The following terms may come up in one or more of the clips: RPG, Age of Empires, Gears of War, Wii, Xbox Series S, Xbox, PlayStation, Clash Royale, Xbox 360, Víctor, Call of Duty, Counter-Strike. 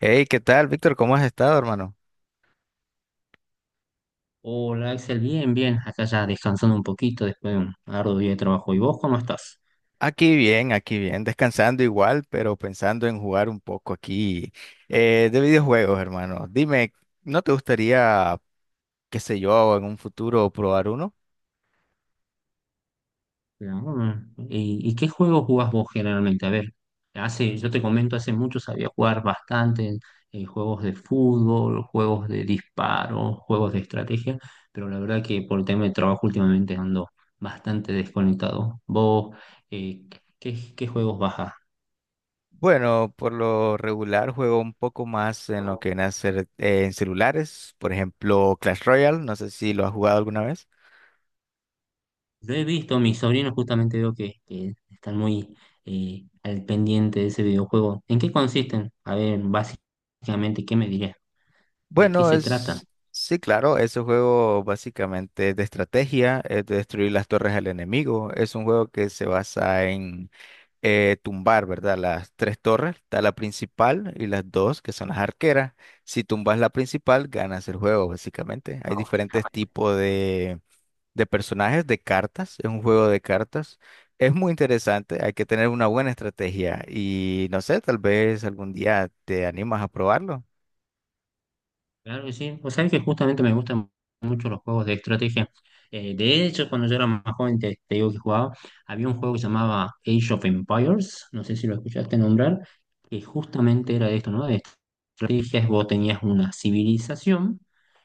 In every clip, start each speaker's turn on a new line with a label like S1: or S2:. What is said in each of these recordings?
S1: Hey, ¿qué tal, Víctor? ¿Cómo has estado, hermano?
S2: Hola Axel, bien, bien, acá ya descansando un poquito después de un arduo día de trabajo. ¿Y vos cómo estás?
S1: Aquí bien, descansando igual, pero pensando en jugar un poco aquí de videojuegos, hermano. Dime, ¿no te gustaría, qué sé yo, en un futuro probar uno?
S2: Bien, mm. ¿Y qué juegos jugás vos generalmente? A ver, hace, yo te comento, hace mucho sabía jugar bastante juegos de fútbol, juegos de disparo, juegos de estrategia, pero la verdad que por el tema de trabajo últimamente ando bastante desconectado. ¿Vos eh, qué, qué juegos bajás?
S1: Bueno, por lo regular juego un poco más en lo que viene a ser en celulares, por ejemplo, Clash Royale, no sé si lo has jugado alguna vez.
S2: Lo he visto, mis sobrinos justamente veo que están muy al pendiente de ese videojuego. ¿En qué consisten? A ver, básicamente, ¿qué me dirías? ¿De qué
S1: Bueno,
S2: se trata?
S1: sí, claro, es un juego básicamente de estrategia, es de destruir las torres al enemigo, es un juego que se basa en tumbar, ¿verdad? Las tres torres, está la principal y las dos que son las arqueras. Si tumbas la principal, ganas el juego, básicamente. Hay diferentes tipos de personajes, de cartas, es un juego de cartas. Es muy interesante, hay que tener una buena estrategia y no sé, tal vez algún día te animas a probarlo.
S2: Claro que sí. Pues sabes que justamente me gustan mucho los juegos de estrategia. De hecho, cuando yo era más joven, te digo que jugaba, había un juego que se llamaba Age of Empires, no sé si lo escuchaste nombrar, que justamente era de esto, ¿no? De estrategias, vos tenías una civilización,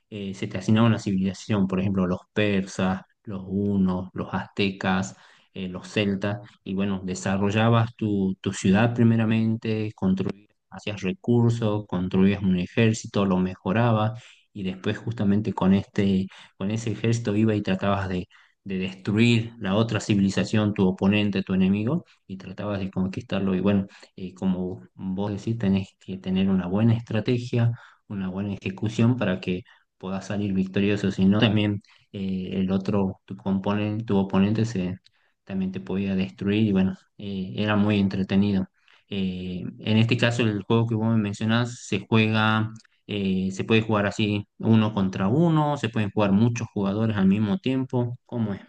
S2: se te asignaba una civilización, por ejemplo, los persas, los hunos, los aztecas, los celtas, y bueno, desarrollabas tu, tu ciudad primeramente, construías hacías recursos, construías un ejército, lo mejorabas y después justamente con este, con ese ejército iba y tratabas de destruir la otra civilización, tu oponente, tu enemigo y tratabas de conquistarlo. Y bueno, como vos decís, tenés que tener una buena estrategia, una buena ejecución para que puedas salir victorioso, si no también el otro, tu oponente se, también te podía destruir y bueno, era muy entretenido. En este caso, el juego que vos me mencionás se juega, se puede jugar así uno contra uno, se pueden jugar muchos jugadores al mismo tiempo. ¿Cómo es?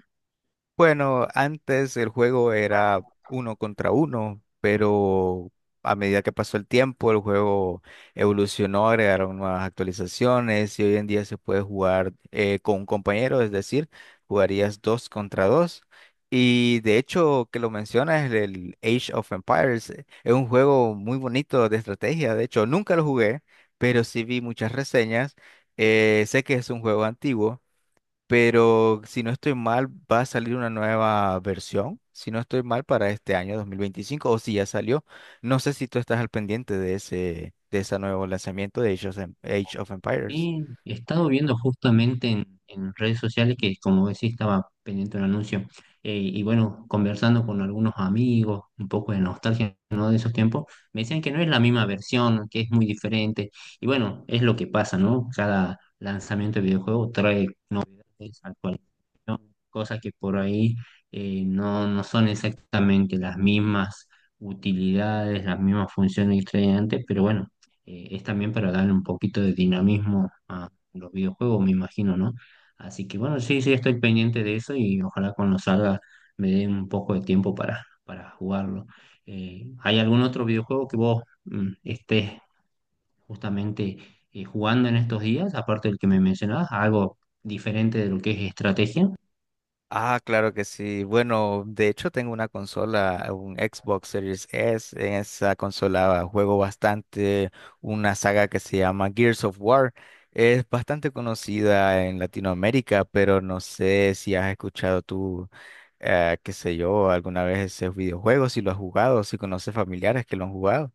S1: Bueno, antes el juego era uno contra uno, pero a medida que pasó el tiempo, el juego evolucionó, agregaron nuevas actualizaciones y hoy en día se puede jugar con un compañero, es decir, jugarías dos contra dos. Y de hecho, que lo mencionas, el Age of Empires es un juego muy bonito de estrategia. De hecho, nunca lo jugué, pero sí vi muchas reseñas. Sé que es un juego antiguo pero si no estoy mal, va a salir una nueva versión, si no estoy mal, para este año 2025, o si ya salió. No sé si tú estás al pendiente de ese nuevo lanzamiento de Age of Empires.
S2: Y he estado viendo justamente en redes sociales que, como decía, estaba pendiente un anuncio. Y bueno, conversando con algunos amigos, un poco de nostalgia, ¿no? De esos tiempos, me decían que no es la misma versión, que es muy diferente. Y bueno, es lo que pasa, ¿no? Cada lanzamiento de videojuego trae novedades actuales. Cosas que por ahí no, no son exactamente las mismas utilidades, las mismas funciones que traían antes, pero bueno, es también para darle un poquito de dinamismo a los videojuegos, me imagino, ¿no? Así que bueno, sí, sí, estoy pendiente de eso y ojalá cuando salga me dé un poco de tiempo para jugarlo. ¿Hay algún otro videojuego que vos estés justamente jugando en estos días, aparte del que me mencionabas, algo diferente de lo que es estrategia?
S1: Ah, claro que sí. Bueno, de hecho tengo una consola, un Xbox Series S. En esa consola juego bastante una saga que se llama Gears of War. Es bastante conocida en Latinoamérica, pero no sé si has escuchado tú, qué sé yo, alguna vez ese videojuego, si lo has jugado, si conoces familiares que lo han jugado.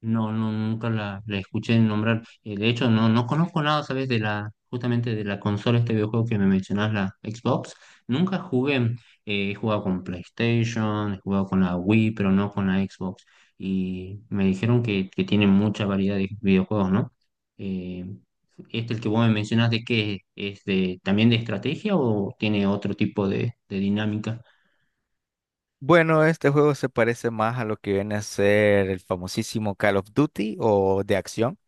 S2: No, no, nunca la, la escuché nombrar. De hecho, no, no conozco nada, ¿sabes? De la, justamente de la consola, este videojuego que me mencionás, la Xbox. Nunca jugué. He jugado con PlayStation, he jugado con la Wii, pero no con la Xbox. Y me dijeron que tiene mucha variedad de videojuegos, ¿no? Eh, este, el que vos me mencionás, ¿de qué es? ¿Es de, también de estrategia o tiene otro tipo de dinámica?
S1: Bueno, este juego se parece más a lo que viene a ser el famosísimo Call of Duty o de acción.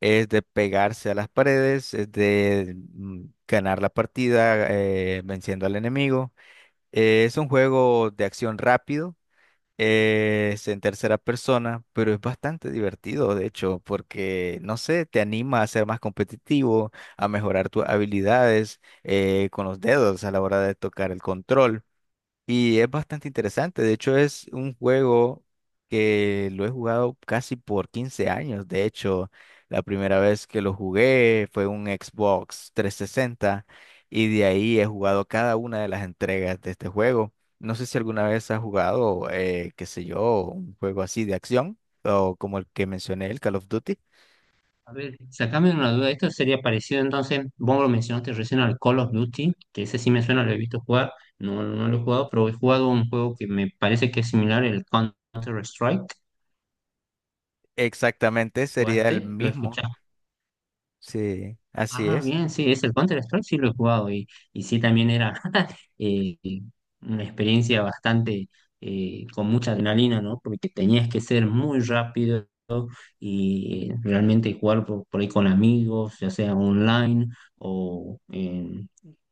S1: Es de pegarse a las paredes, es de ganar la partida venciendo al enemigo. Es un juego de acción rápido, es en tercera persona, pero es bastante divertido, de hecho, porque, no sé, te anima a ser más competitivo, a mejorar tus habilidades con los dedos a la hora de tocar el control. Y es bastante interesante. De hecho, es un juego que lo he jugado casi por 15 años. De hecho, la primera vez que lo jugué fue un Xbox 360 y de ahí he jugado cada una de las entregas de este juego. No sé si alguna vez has jugado, qué sé yo, un juego así de acción o como el que mencioné, el Call of Duty.
S2: A ver, sacame una duda. Esto sería parecido entonces, vos lo mencionaste recién al Call of Duty, que ese sí me suena, lo he visto jugar, no, no lo he jugado, pero he jugado un juego que me parece que es similar, el Counter-Strike.
S1: Exactamente, sería el
S2: ¿Jugaste? ¿Lo
S1: mismo.
S2: escuchaste?
S1: Sí, así
S2: Ah,
S1: es.
S2: bien, sí, es el Counter-Strike, sí lo he jugado y sí también era eh, una experiencia bastante con mucha adrenalina, ¿no? Porque tenías que ser muy rápido y realmente jugar por ahí con amigos, ya sea online o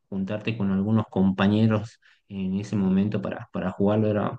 S2: juntarte con algunos compañeros en ese momento para jugarlo era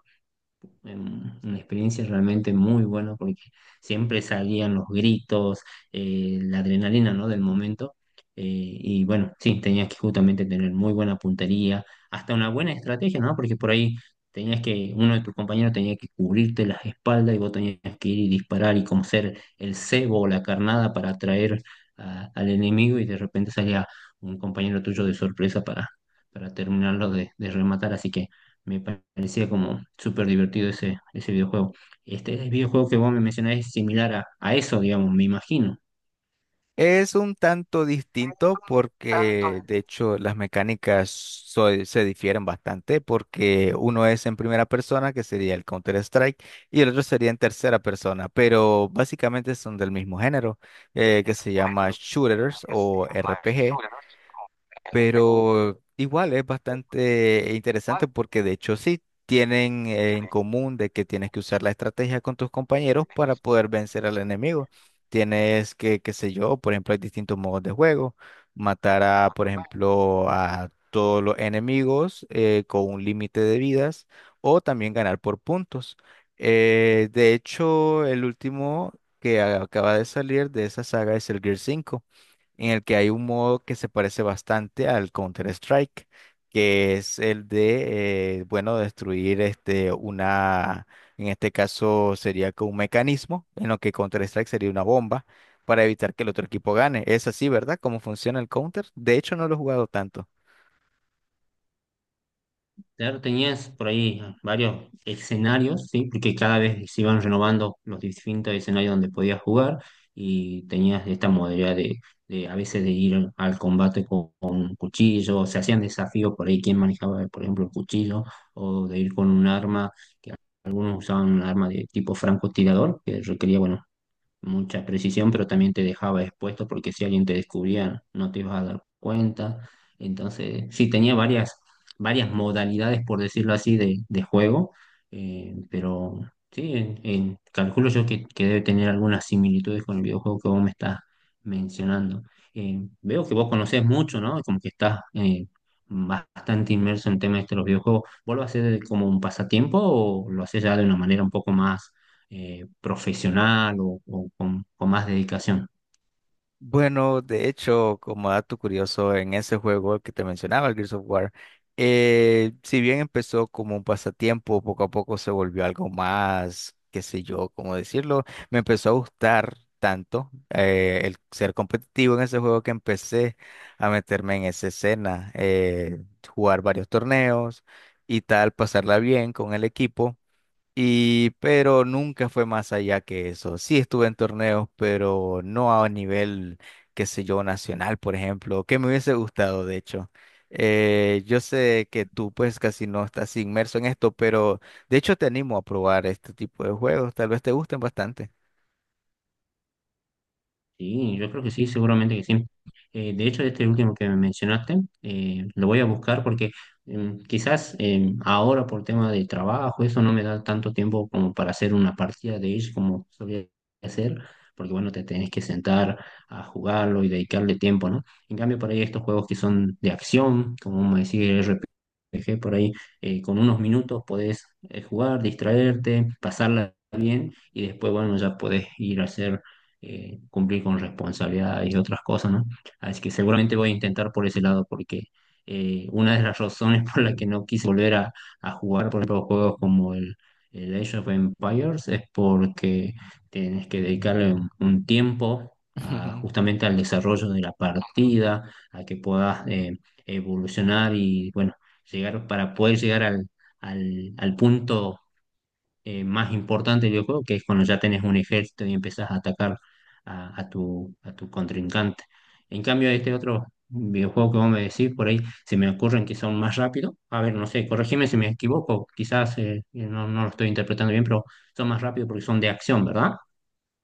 S2: una experiencia realmente muy buena porque siempre salían los gritos, la adrenalina, ¿no? Del momento. Y bueno, sí, tenías que justamente tener muy buena puntería, hasta una buena estrategia, ¿no? Porque por ahí tenías que, uno de tus compañeros tenía que cubrirte las espaldas y vos tenías que ir y disparar y como ser el cebo o la carnada para atraer al enemigo y de repente salía un compañero tuyo de sorpresa para terminarlo de rematar. Así que me parecía como súper divertido ese, ese videojuego. Este el videojuego que vos me mencionás es similar a eso, digamos, me imagino.
S1: Es un tanto distinto
S2: Tan-
S1: porque, de hecho, las mecánicas se difieren bastante porque uno es en primera persona, que sería el Counter-Strike, y el otro sería en tercera persona, pero básicamente son del mismo género, que se llama shooters o RPG. Pero igual es bastante interesante porque de hecho sí tienen en común de que tienes que usar la estrategia con tus compañeros para poder vencer al enemigo. Tienes que, qué sé yo, por ejemplo, hay distintos modos de juego. Matar a, por ejemplo, a todos los enemigos con un límite de vidas o también ganar por puntos. De hecho, el último que acaba de salir de esa saga es el Gear 5 en el que hay un modo que se parece bastante al Counter-Strike, que es el de, bueno, destruir este, una, en este caso sería que un mecanismo, en lo que Counter-Strike sería una bomba para evitar que el otro equipo gane. Es así, ¿verdad? ¿Cómo funciona el Counter? De hecho, no lo he jugado tanto.
S2: Claro, tenías por ahí varios escenarios, ¿sí? Porque cada vez se iban renovando los distintos escenarios donde podías jugar y tenías esta modalidad de a veces de ir al combate con un cuchillo, o se hacían desafíos por ahí, quién manejaba, por ejemplo, el cuchillo, o de ir con un arma, que algunos usaban un arma de tipo francotirador, que requería, bueno, mucha precisión, pero también te dejaba expuesto porque si alguien te descubría no te ibas a dar cuenta. Entonces, sí, tenía varias, varias modalidades, por decirlo así, de juego, pero sí, calculo yo que debe tener algunas similitudes con el videojuego que vos me estás mencionando. Veo que vos conocés mucho, ¿no? Como que estás bastante inmerso en temas de los videojuegos. ¿Vos lo hacés como un pasatiempo o lo haces ya de una manera un poco más profesional o con más dedicación?
S1: Bueno, de hecho, como dato curioso, en ese juego que te mencionaba, el Gears of War, si bien empezó como un pasatiempo, poco a poco se volvió algo más, qué sé yo, cómo decirlo, me empezó a gustar tanto el ser competitivo en ese juego que empecé a meterme en esa escena, jugar varios torneos y tal, pasarla bien con el equipo. Y, pero nunca fue más allá que eso. Sí estuve en torneos, pero no a nivel, qué sé yo, nacional, por ejemplo, que me hubiese gustado, de hecho. Yo sé que tú pues casi no estás inmerso en esto, pero de hecho te animo a probar este tipo de juegos, tal vez te gusten bastante.
S2: Sí, yo creo que sí, seguramente que sí. De hecho, este último que me mencionaste, lo voy a buscar porque quizás ahora por tema de trabajo, eso no me da tanto tiempo como para hacer una partida de Age como solía hacer, porque bueno, te tenés que sentar a jugarlo y dedicarle tiempo, ¿no? En cambio, por ahí estos juegos que son de acción, como me decía RPG, por ahí con unos minutos podés jugar, distraerte, pasarla bien y después, bueno, ya podés ir a hacer cumplir con responsabilidades y otras cosas, ¿no? Así que seguramente voy a intentar por ese lado, porque una de las razones por la que no quise volver a jugar, por ejemplo, juegos como el Age of Empires, es porque tienes que dedicarle un tiempo justamente al desarrollo de la partida, a que puedas evolucionar y, bueno, llegar para poder llegar al, al, al punto más importante del videojuego, que es cuando ya tenés un ejército y empezás a atacar a tu contrincante. En cambio, este otro videojuego que vos me decís, por ahí se me ocurren que son más rápidos. A ver, no sé, corregime si me equivoco, quizás no, no lo estoy interpretando bien, pero son más rápidos porque son de acción, ¿verdad?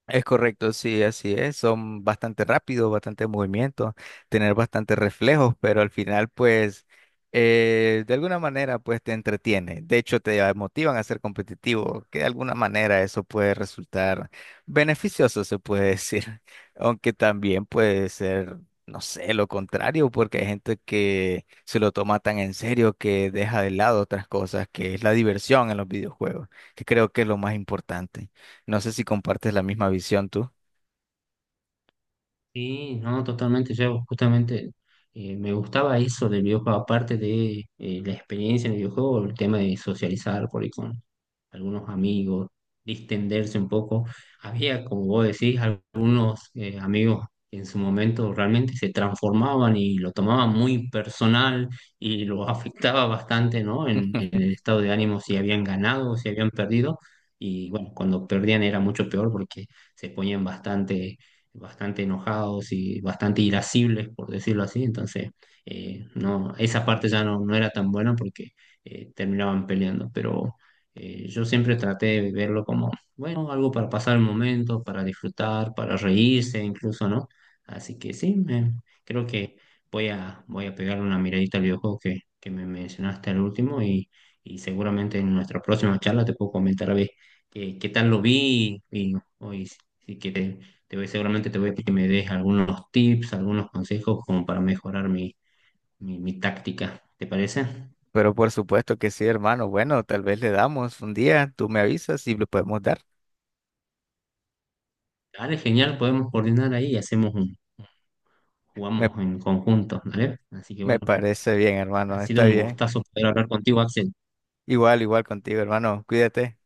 S1: Es correcto, sí, así es. Son bastante rápidos, bastante movimiento, tener bastante reflejos, pero al final, pues, de alguna manera, pues te entretiene. De hecho, te motivan a ser competitivo, que de alguna manera eso puede resultar beneficioso, se puede decir. Aunque también puede ser, no sé, lo contrario, porque hay gente que se lo toma tan en serio que deja de lado otras cosas, que es la diversión en los videojuegos, que creo que es lo más importante. No sé si compartes la misma visión tú.
S2: Sí, no, totalmente. Yo justamente me gustaba eso del videojuego, aparte de la experiencia en el videojuego, el tema de socializar por ahí con, algunos amigos, distenderse un poco. Había, como vos decís, algunos amigos que en su momento realmente se transformaban y lo tomaban muy personal y lo afectaba bastante, ¿no? En el estado de ánimo, si habían ganado o si habían perdido. Y bueno, cuando perdían era mucho peor porque se ponían bastante, bastante enojados y bastante irascibles, por decirlo así. Entonces, no, esa parte ya no, no era tan buena porque terminaban peleando. Pero yo siempre traté de verlo como, bueno, algo para pasar el momento, para disfrutar, para reírse incluso, ¿no? Así que sí, creo que voy a, voy a pegarle una miradita al videojuego que me mencionaste al último y seguramente en nuestra próxima charla te puedo comentar a ver qué, qué tal lo vi y, hoy sí que te voy, seguramente te voy a pedir que me des algunos tips, algunos consejos como para mejorar mi, mi, mi táctica. ¿Te parece?
S1: Pero por supuesto que sí, hermano. Bueno, tal vez le damos un día, tú me avisas y le podemos dar.
S2: Dale, genial, podemos coordinar ahí y hacemos un
S1: Me,
S2: jugamos en conjunto, ¿vale? Así que
S1: me
S2: bueno,
S1: parece bien,
S2: ha
S1: hermano,
S2: sido
S1: está
S2: un
S1: bien.
S2: gustazo poder hablar contigo, Axel.
S1: Igual, igual contigo, hermano. Cuídate.